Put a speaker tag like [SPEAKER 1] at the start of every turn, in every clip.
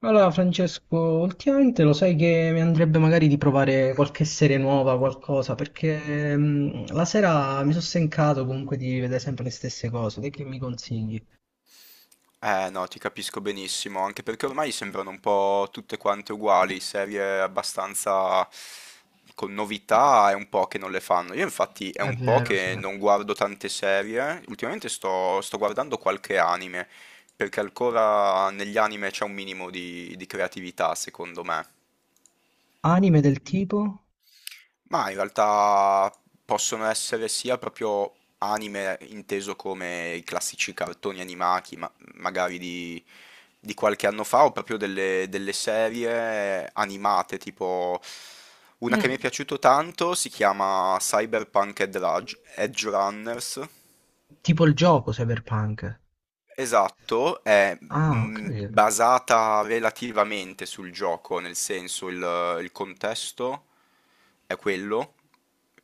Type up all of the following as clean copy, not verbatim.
[SPEAKER 1] Allora, Francesco, ultimamente lo sai che mi andrebbe magari di provare qualche serie nuova, qualcosa, perché la sera mi sono stancato comunque di vedere sempre le stesse cose. Te che mi consigli?
[SPEAKER 2] No, ti capisco benissimo, anche perché ormai sembrano un po' tutte quante uguali, serie abbastanza con novità è un po' che non le fanno. Io infatti è
[SPEAKER 1] È
[SPEAKER 2] un po'
[SPEAKER 1] vero, sì.
[SPEAKER 2] che non guardo tante serie, ultimamente sto guardando qualche anime, perché ancora negli anime c'è un minimo di creatività, secondo me.
[SPEAKER 1] Anime del tipo?
[SPEAKER 2] Ma in realtà possono essere sia proprio anime inteso come i classici cartoni animati, magari di qualche anno fa, o proprio delle serie animate, tipo una che mi è
[SPEAKER 1] Mm.
[SPEAKER 2] piaciuto tanto si chiama Cyberpunk Edge Runners.
[SPEAKER 1] Tipo il gioco Cyberpunk.
[SPEAKER 2] Esatto, è
[SPEAKER 1] Ah, ok.
[SPEAKER 2] basata relativamente sul gioco, nel senso il contesto è quello,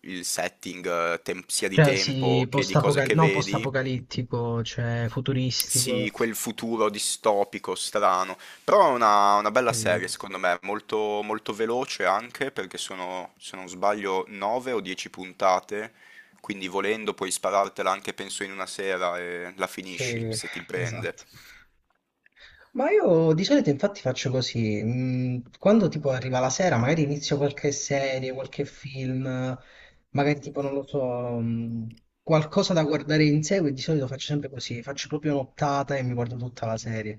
[SPEAKER 2] il setting, sia di
[SPEAKER 1] Cioè, sì,
[SPEAKER 2] tempo che di cose che
[SPEAKER 1] no,
[SPEAKER 2] vedi,
[SPEAKER 1] post-apocalittico, cioè futuristico.
[SPEAKER 2] sì, quel futuro distopico, strano, però è una bella serie
[SPEAKER 1] Capito?
[SPEAKER 2] secondo me, molto, molto veloce anche perché sono, se non sbaglio, 9 o 10 puntate, quindi volendo puoi sparartela anche penso in una sera e la finisci
[SPEAKER 1] Sì,
[SPEAKER 2] se ti prende.
[SPEAKER 1] esatto. Ma io di solito infatti faccio così, quando tipo arriva la sera magari inizio qualche serie, qualche film, magari tipo non lo so, mm, qualcosa da guardare in seguito, di solito faccio sempre così, faccio proprio un'ottata e mi guardo tutta la serie.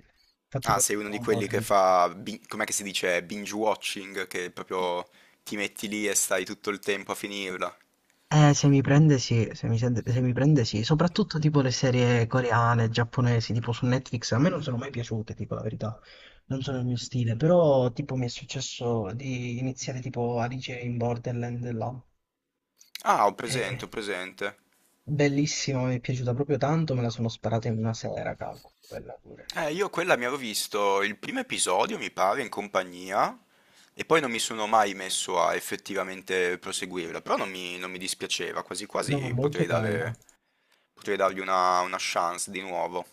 [SPEAKER 1] Infatti
[SPEAKER 2] Ah,
[SPEAKER 1] poi
[SPEAKER 2] sei
[SPEAKER 1] mi
[SPEAKER 2] uno di
[SPEAKER 1] trovo un po'
[SPEAKER 2] quelli che
[SPEAKER 1] ridere.
[SPEAKER 2] fa, com'è che si dice, binge watching, che proprio ti metti lì e stai tutto il tempo a finirla.
[SPEAKER 1] Se mi prende sì, se mi prende sì, soprattutto tipo le serie coreane, giapponesi, tipo su Netflix, a me non sono mai piaciute, tipo la verità, non sono il mio stile, però tipo mi è successo di iniziare tipo Alice in Borderland là.
[SPEAKER 2] Ah, ho
[SPEAKER 1] Eh,
[SPEAKER 2] presente, ho presente.
[SPEAKER 1] bellissima, mi è piaciuta proprio tanto, me la sono sparata in una sera, cavolo, quella pure.
[SPEAKER 2] Io quella mi avevo visto il primo episodio, mi pare, in compagnia, e poi non mi sono mai messo a effettivamente proseguirla, però non mi dispiaceva, quasi
[SPEAKER 1] No, è
[SPEAKER 2] quasi
[SPEAKER 1] molto bella.
[SPEAKER 2] potrei dargli una chance di nuovo.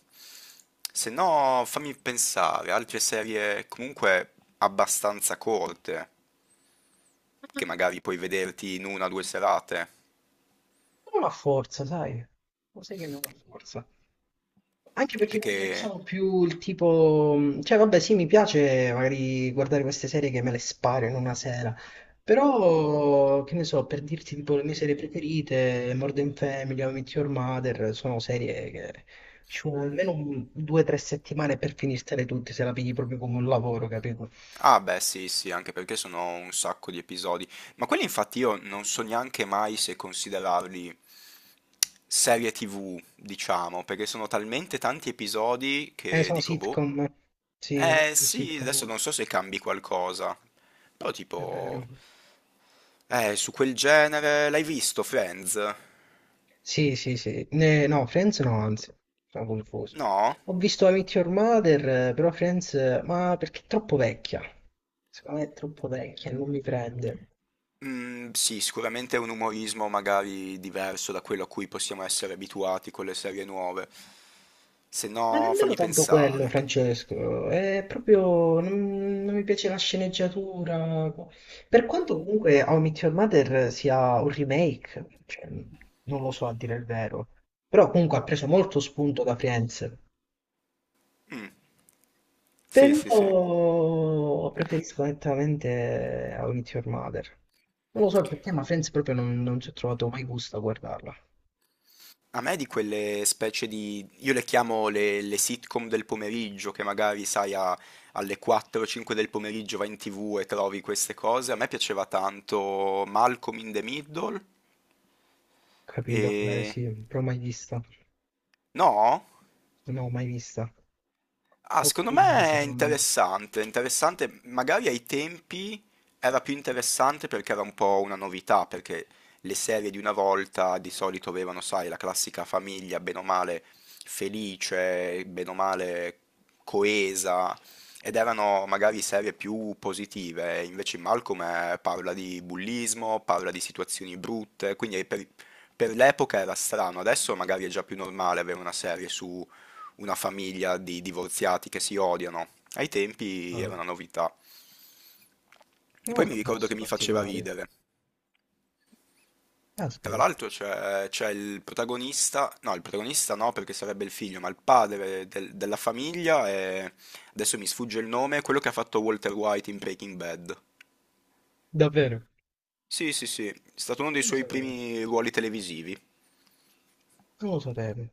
[SPEAKER 2] Se no, fammi pensare, altre serie comunque abbastanza corte, che magari puoi vederti in una o due serate,
[SPEAKER 1] Non ha forza, sai, lo sai che non ha forza. Anche perché capito, io
[SPEAKER 2] perché...
[SPEAKER 1] sono più il tipo, cioè vabbè sì mi piace magari guardare queste serie che me le sparo in una sera, però che ne so, per dirti tipo le mie serie preferite, Modern Family, How I Met Your Mother, sono serie che ci vuole almeno due o tre settimane per finirtele tutte se la pigli proprio come un lavoro, capito?
[SPEAKER 2] Ah beh sì sì, anche perché sono un sacco di episodi, ma quelli infatti io non so neanche mai se considerarli serie TV, diciamo, perché sono talmente tanti episodi che
[SPEAKER 1] Sono
[SPEAKER 2] dico, boh,
[SPEAKER 1] sitcom, sì,
[SPEAKER 2] eh
[SPEAKER 1] più
[SPEAKER 2] sì, adesso
[SPEAKER 1] sitcom,
[SPEAKER 2] non so se cambi qualcosa, però
[SPEAKER 1] è vero.
[SPEAKER 2] tipo, su quel genere l'hai visto Friends?
[SPEAKER 1] Sì, sì, sì. No, Friends no, anzi, sono confuso.
[SPEAKER 2] No?
[SPEAKER 1] Ho visto I Meet Your Mother, però Friends, ma perché è troppo vecchia. Secondo me è troppo vecchia, non mi prende.
[SPEAKER 2] Mhmm, sì, sicuramente è un umorismo magari diverso da quello a cui possiamo essere abituati con le serie nuove. Se
[SPEAKER 1] Ma
[SPEAKER 2] no,
[SPEAKER 1] nemmeno
[SPEAKER 2] fammi
[SPEAKER 1] tanto quello,
[SPEAKER 2] pensare.
[SPEAKER 1] Francesco. È proprio... non mi piace la sceneggiatura. Per quanto comunque How I Meet Your Mother sia un remake, cioè, non lo so a dire il vero. Però comunque ha preso molto spunto da Friends.
[SPEAKER 2] Sì, sì,
[SPEAKER 1] Però
[SPEAKER 2] sì.
[SPEAKER 1] preferisco nettamente How I Met Your Mother. Non lo so perché, ma Friends proprio non ci ho trovato mai gusto a guardarla.
[SPEAKER 2] A me di quelle specie di io le chiamo le sitcom del pomeriggio, che magari, sai, alle 4-5 del pomeriggio vai in TV e trovi queste cose. A me piaceva tanto Malcolm in the Middle
[SPEAKER 1] Capito?
[SPEAKER 2] e...
[SPEAKER 1] Sì, però mai vista.
[SPEAKER 2] No?
[SPEAKER 1] No, mai vista.
[SPEAKER 2] Ah,
[SPEAKER 1] Ho
[SPEAKER 2] secondo me
[SPEAKER 1] capito di che
[SPEAKER 2] è
[SPEAKER 1] state parlando.
[SPEAKER 2] interessante, interessante, magari ai tempi era più interessante perché era un po' una novità, perché le serie di una volta di solito avevano, sai, la classica famiglia, bene o male felice, bene o male coesa, ed erano magari serie più positive, invece in Malcolm parla di bullismo, parla di situazioni brutte, per l'epoca era strano, adesso magari è già più normale avere una serie su una famiglia di divorziati che si odiano. Ai tempi era
[SPEAKER 1] Ah,
[SPEAKER 2] una novità. E
[SPEAKER 1] non ho
[SPEAKER 2] poi mi
[SPEAKER 1] un
[SPEAKER 2] ricordo
[SPEAKER 1] gusto
[SPEAKER 2] che mi faceva
[SPEAKER 1] particolare.
[SPEAKER 2] ridere. Tra
[SPEAKER 1] Caspita.
[SPEAKER 2] l'altro c'è il protagonista no perché sarebbe il figlio, ma il padre della famiglia è, adesso mi sfugge il nome, quello che ha fatto Walter White in Breaking Bad.
[SPEAKER 1] Davvero?
[SPEAKER 2] Sì, sì, sì, è stato uno dei
[SPEAKER 1] Non lo
[SPEAKER 2] suoi
[SPEAKER 1] sapevo.
[SPEAKER 2] primi ruoli televisivi.
[SPEAKER 1] Non lo sapevo.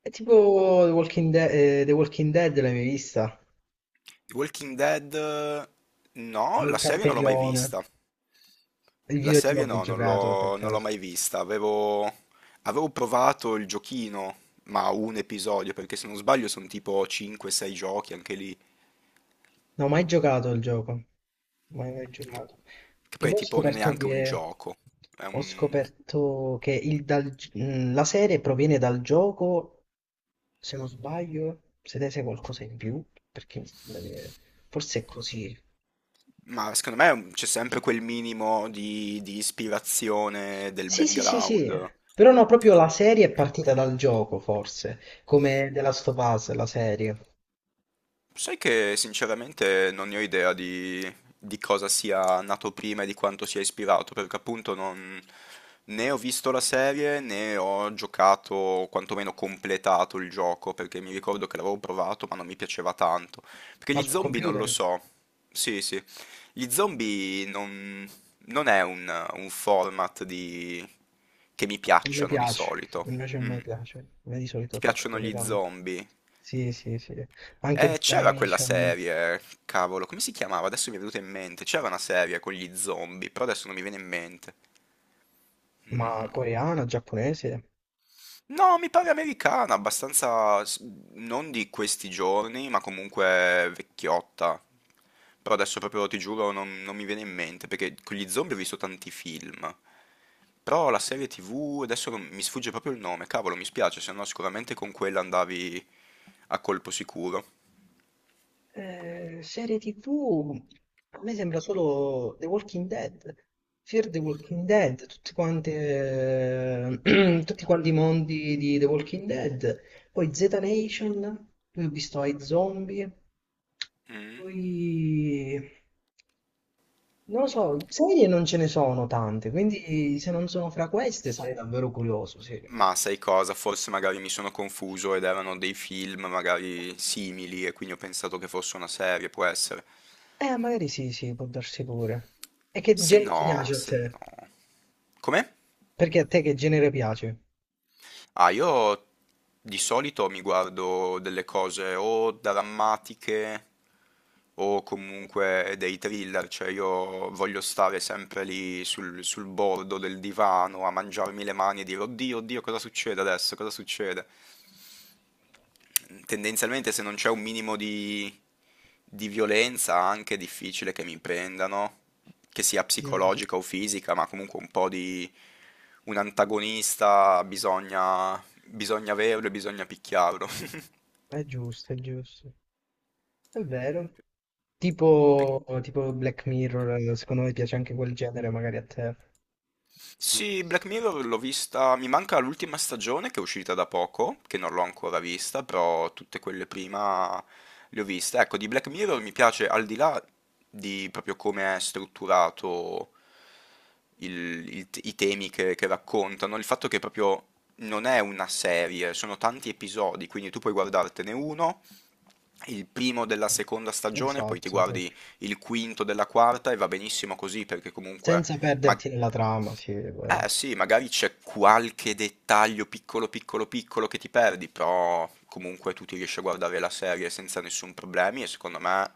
[SPEAKER 1] È tipo The Walking, The Walking Dead, l'hai mai vista?
[SPEAKER 2] Walking Dead, no, la serie non l'ho mai
[SPEAKER 1] L'ultrasterione.
[SPEAKER 2] vista.
[SPEAKER 1] Il
[SPEAKER 2] La
[SPEAKER 1] videogioco
[SPEAKER 2] serie
[SPEAKER 1] che ho
[SPEAKER 2] no,
[SPEAKER 1] giocato per
[SPEAKER 2] non l'ho
[SPEAKER 1] caso.
[SPEAKER 2] mai vista. Avevo provato il giochino, ma un episodio, perché se non sbaglio sono tipo 5-6 giochi anche lì.
[SPEAKER 1] Non ho mai giocato al gioco. Mai, mai giocato.
[SPEAKER 2] Che
[SPEAKER 1] Che
[SPEAKER 2] poi è
[SPEAKER 1] poi
[SPEAKER 2] tipo non è neanche un gioco. È
[SPEAKER 1] ho
[SPEAKER 2] un-
[SPEAKER 1] scoperto che la serie proviene dal gioco, se non sbaglio, se ne sai qualcosa in più, perché mi sembra che forse è così.
[SPEAKER 2] Ma secondo me c'è sempre quel minimo di ispirazione del
[SPEAKER 1] Sì, sì, sì, sì.
[SPEAKER 2] background.
[SPEAKER 1] Però no, proprio la serie è partita dal gioco, forse, come The Last of Us, la serie,
[SPEAKER 2] Sai che sinceramente non ne ho idea di cosa sia nato prima e di quanto sia ispirato, perché appunto non, né ho visto la serie né ho giocato, o quantomeno completato il gioco, perché mi ricordo che l'avevo provato ma non mi piaceva tanto. Perché
[SPEAKER 1] ma
[SPEAKER 2] gli
[SPEAKER 1] sul
[SPEAKER 2] zombie non
[SPEAKER 1] computer.
[SPEAKER 2] lo
[SPEAKER 1] Non
[SPEAKER 2] so. Sì, sì. Gli zombie non, non è un format che mi
[SPEAKER 1] mi
[SPEAKER 2] piacciono di
[SPEAKER 1] piace,
[SPEAKER 2] solito.
[SPEAKER 1] invece non mi
[SPEAKER 2] Mm.
[SPEAKER 1] piace, a me di
[SPEAKER 2] Ti
[SPEAKER 1] solito piace
[SPEAKER 2] piacciono
[SPEAKER 1] più
[SPEAKER 2] gli
[SPEAKER 1] tanto.
[SPEAKER 2] zombie?
[SPEAKER 1] Sì, sì, sì. Anche Z
[SPEAKER 2] C'era quella
[SPEAKER 1] Nation,
[SPEAKER 2] serie, cavolo, come si chiamava? Adesso mi è venuta in mente. C'era una serie con gli zombie, però adesso non mi viene in mente.
[SPEAKER 1] ma
[SPEAKER 2] Mm.
[SPEAKER 1] coreana, giapponese.
[SPEAKER 2] No, mi pare americana, abbastanza non di questi giorni, ma comunque vecchiotta. Però adesso proprio ti giuro non mi viene in mente, perché con gli zombie ho visto tanti film. Però la serie TV, adesso mi sfugge proprio il nome, cavolo, mi spiace, se no sicuramente con quella andavi a colpo sicuro.
[SPEAKER 1] Serie TV, a me sembra solo The Walking Dead. Fear the Walking Dead, tutti quanti, tutti quanti i mondi di The Walking Dead. Poi Z Nation, poi ho visto i zombie.
[SPEAKER 2] Mm.
[SPEAKER 1] Poi... Non lo so, serie non ce ne sono tante, quindi se non sono fra queste sarei davvero curioso, sì.
[SPEAKER 2] Ma sai cosa? Forse magari mi sono confuso ed erano dei film magari simili e quindi ho pensato che fosse una serie, può essere.
[SPEAKER 1] Magari sì, sì, può darsi pure. E che
[SPEAKER 2] Se
[SPEAKER 1] genere
[SPEAKER 2] no,
[SPEAKER 1] piace a
[SPEAKER 2] se
[SPEAKER 1] te?
[SPEAKER 2] no. Come?
[SPEAKER 1] Perché a te che genere piace?
[SPEAKER 2] Ah, io di solito mi guardo delle cose o drammatiche o comunque dei thriller, cioè io voglio stare sempre lì sul bordo del divano a mangiarmi le mani e dire oddio, oddio, cosa succede adesso? Cosa succede? Tendenzialmente se non c'è un minimo di violenza anche è difficile che mi prendano, che sia
[SPEAKER 1] Mm.
[SPEAKER 2] psicologica o fisica, ma comunque un po' di un antagonista bisogna averlo e bisogna picchiarlo.
[SPEAKER 1] È giusto, è giusto. È vero.
[SPEAKER 2] Perché
[SPEAKER 1] Tipo, tipo Black Mirror, secondo me piace anche quel genere, magari a te.
[SPEAKER 2] Sì, Black Mirror l'ho vista, mi manca l'ultima stagione che è uscita da poco, che non l'ho ancora vista, però tutte quelle prima le ho viste. Ecco, di Black Mirror mi piace al di là di proprio come è strutturato i temi che raccontano, il fatto che proprio non è una serie, sono tanti episodi, quindi tu puoi guardartene uno, il primo della seconda stagione, poi ti
[SPEAKER 1] Esatto, sì.
[SPEAKER 2] guardi il quinto della quarta e va benissimo così perché comunque...
[SPEAKER 1] Senza
[SPEAKER 2] ma-
[SPEAKER 1] perderti nella trama, sì, è vero.
[SPEAKER 2] eh
[SPEAKER 1] Il
[SPEAKER 2] sì, magari c'è qualche dettaglio piccolo piccolo piccolo che ti perdi, però comunque tu ti riesci a guardare la serie senza nessun problemi e secondo me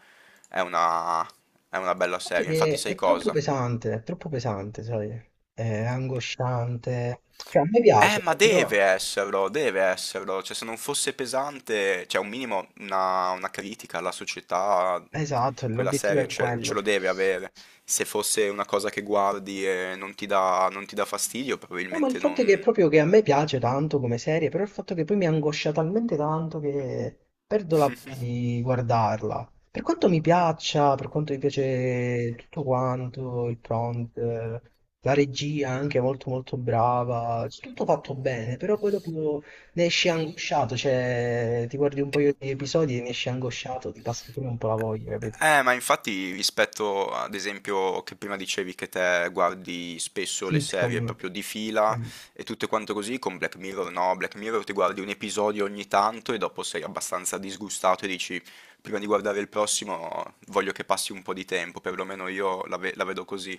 [SPEAKER 2] è è una bella
[SPEAKER 1] fatto è
[SPEAKER 2] serie. Infatti
[SPEAKER 1] che
[SPEAKER 2] sai cosa?
[SPEAKER 1] è troppo pesante, sai? È angosciante. Cioè, a me piace,
[SPEAKER 2] Ma
[SPEAKER 1] però...
[SPEAKER 2] deve esserlo, deve esserlo. Cioè, se non fosse pesante, cioè un minimo, una critica alla società,
[SPEAKER 1] Esatto,
[SPEAKER 2] quella
[SPEAKER 1] l'obiettivo
[SPEAKER 2] serie
[SPEAKER 1] è
[SPEAKER 2] ce
[SPEAKER 1] quello.
[SPEAKER 2] lo deve avere. Se fosse una cosa che guardi e non ti dà fastidio,
[SPEAKER 1] No, ma il
[SPEAKER 2] probabilmente
[SPEAKER 1] fatto è che
[SPEAKER 2] non...
[SPEAKER 1] proprio che a me piace tanto come serie, però il fatto che poi mi angoscia talmente tanto che perdo la voglia di guardarla. Per quanto mi piaccia, per quanto mi piace tutto quanto, il prompt, la regia anche molto molto brava, tutto fatto bene, però poi dopo ne esci angosciato, cioè ti guardi un paio di episodi e ne esci angosciato, ti passa pure un po' la voglia, capito?
[SPEAKER 2] Ma infatti rispetto ad esempio che prima dicevi che te guardi spesso le serie
[SPEAKER 1] Sitcom,
[SPEAKER 2] proprio di fila
[SPEAKER 1] eh,
[SPEAKER 2] e tutte quante così, con Black Mirror no, Black Mirror ti guardi un episodio ogni tanto e dopo sei abbastanza disgustato e dici prima di guardare il prossimo voglio che passi un po' di tempo, perlomeno io la vedo così.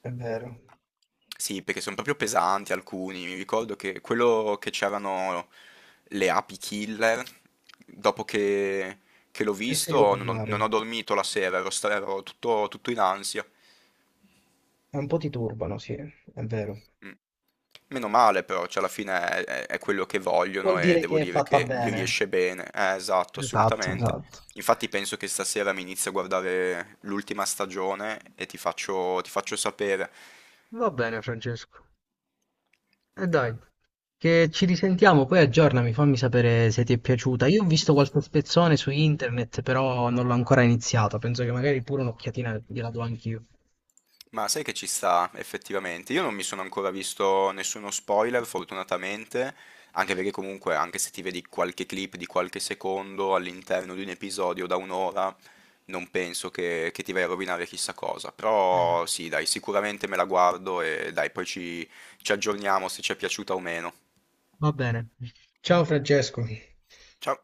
[SPEAKER 1] è vero.
[SPEAKER 2] Sì, perché son proprio pesanti alcuni. Mi ricordo che quello che c'erano le api killer, dopo che l'ho
[SPEAKER 1] Non se ne devo
[SPEAKER 2] visto
[SPEAKER 1] parlare.
[SPEAKER 2] non ho dormito la sera, ero tutto, tutto in ansia.
[SPEAKER 1] E un po' ti turbano, sì, è vero.
[SPEAKER 2] Mm. Meno male però, cioè alla fine è, è quello che
[SPEAKER 1] Vuol
[SPEAKER 2] vogliono e
[SPEAKER 1] dire
[SPEAKER 2] devo
[SPEAKER 1] che è
[SPEAKER 2] dire
[SPEAKER 1] fatta
[SPEAKER 2] che gli
[SPEAKER 1] bene.
[SPEAKER 2] riesce bene. Esatto,
[SPEAKER 1] Esatto,
[SPEAKER 2] assolutamente.
[SPEAKER 1] esatto.
[SPEAKER 2] Infatti penso che stasera mi inizio a guardare l'ultima stagione e ti faccio sapere.
[SPEAKER 1] Va bene, Francesco. E dai, che ci risentiamo, poi aggiornami, fammi sapere se ti è piaciuta. Io ho visto qualche spezzone su internet, però non l'ho ancora iniziato. Penso che magari pure un'occhiatina gliela do anch'io.
[SPEAKER 2] Ma sai che ci sta effettivamente? Io non mi sono ancora visto nessuno spoiler, fortunatamente, anche perché comunque, anche se ti vedi qualche clip di qualche secondo all'interno di un episodio da un'ora, non penso che ti vai a rovinare chissà cosa. Però
[SPEAKER 1] Esatto.
[SPEAKER 2] sì, dai, sicuramente me la guardo e dai, ci aggiorniamo se ci è piaciuta o meno.
[SPEAKER 1] Va bene. Ciao Francesco.
[SPEAKER 2] Ciao!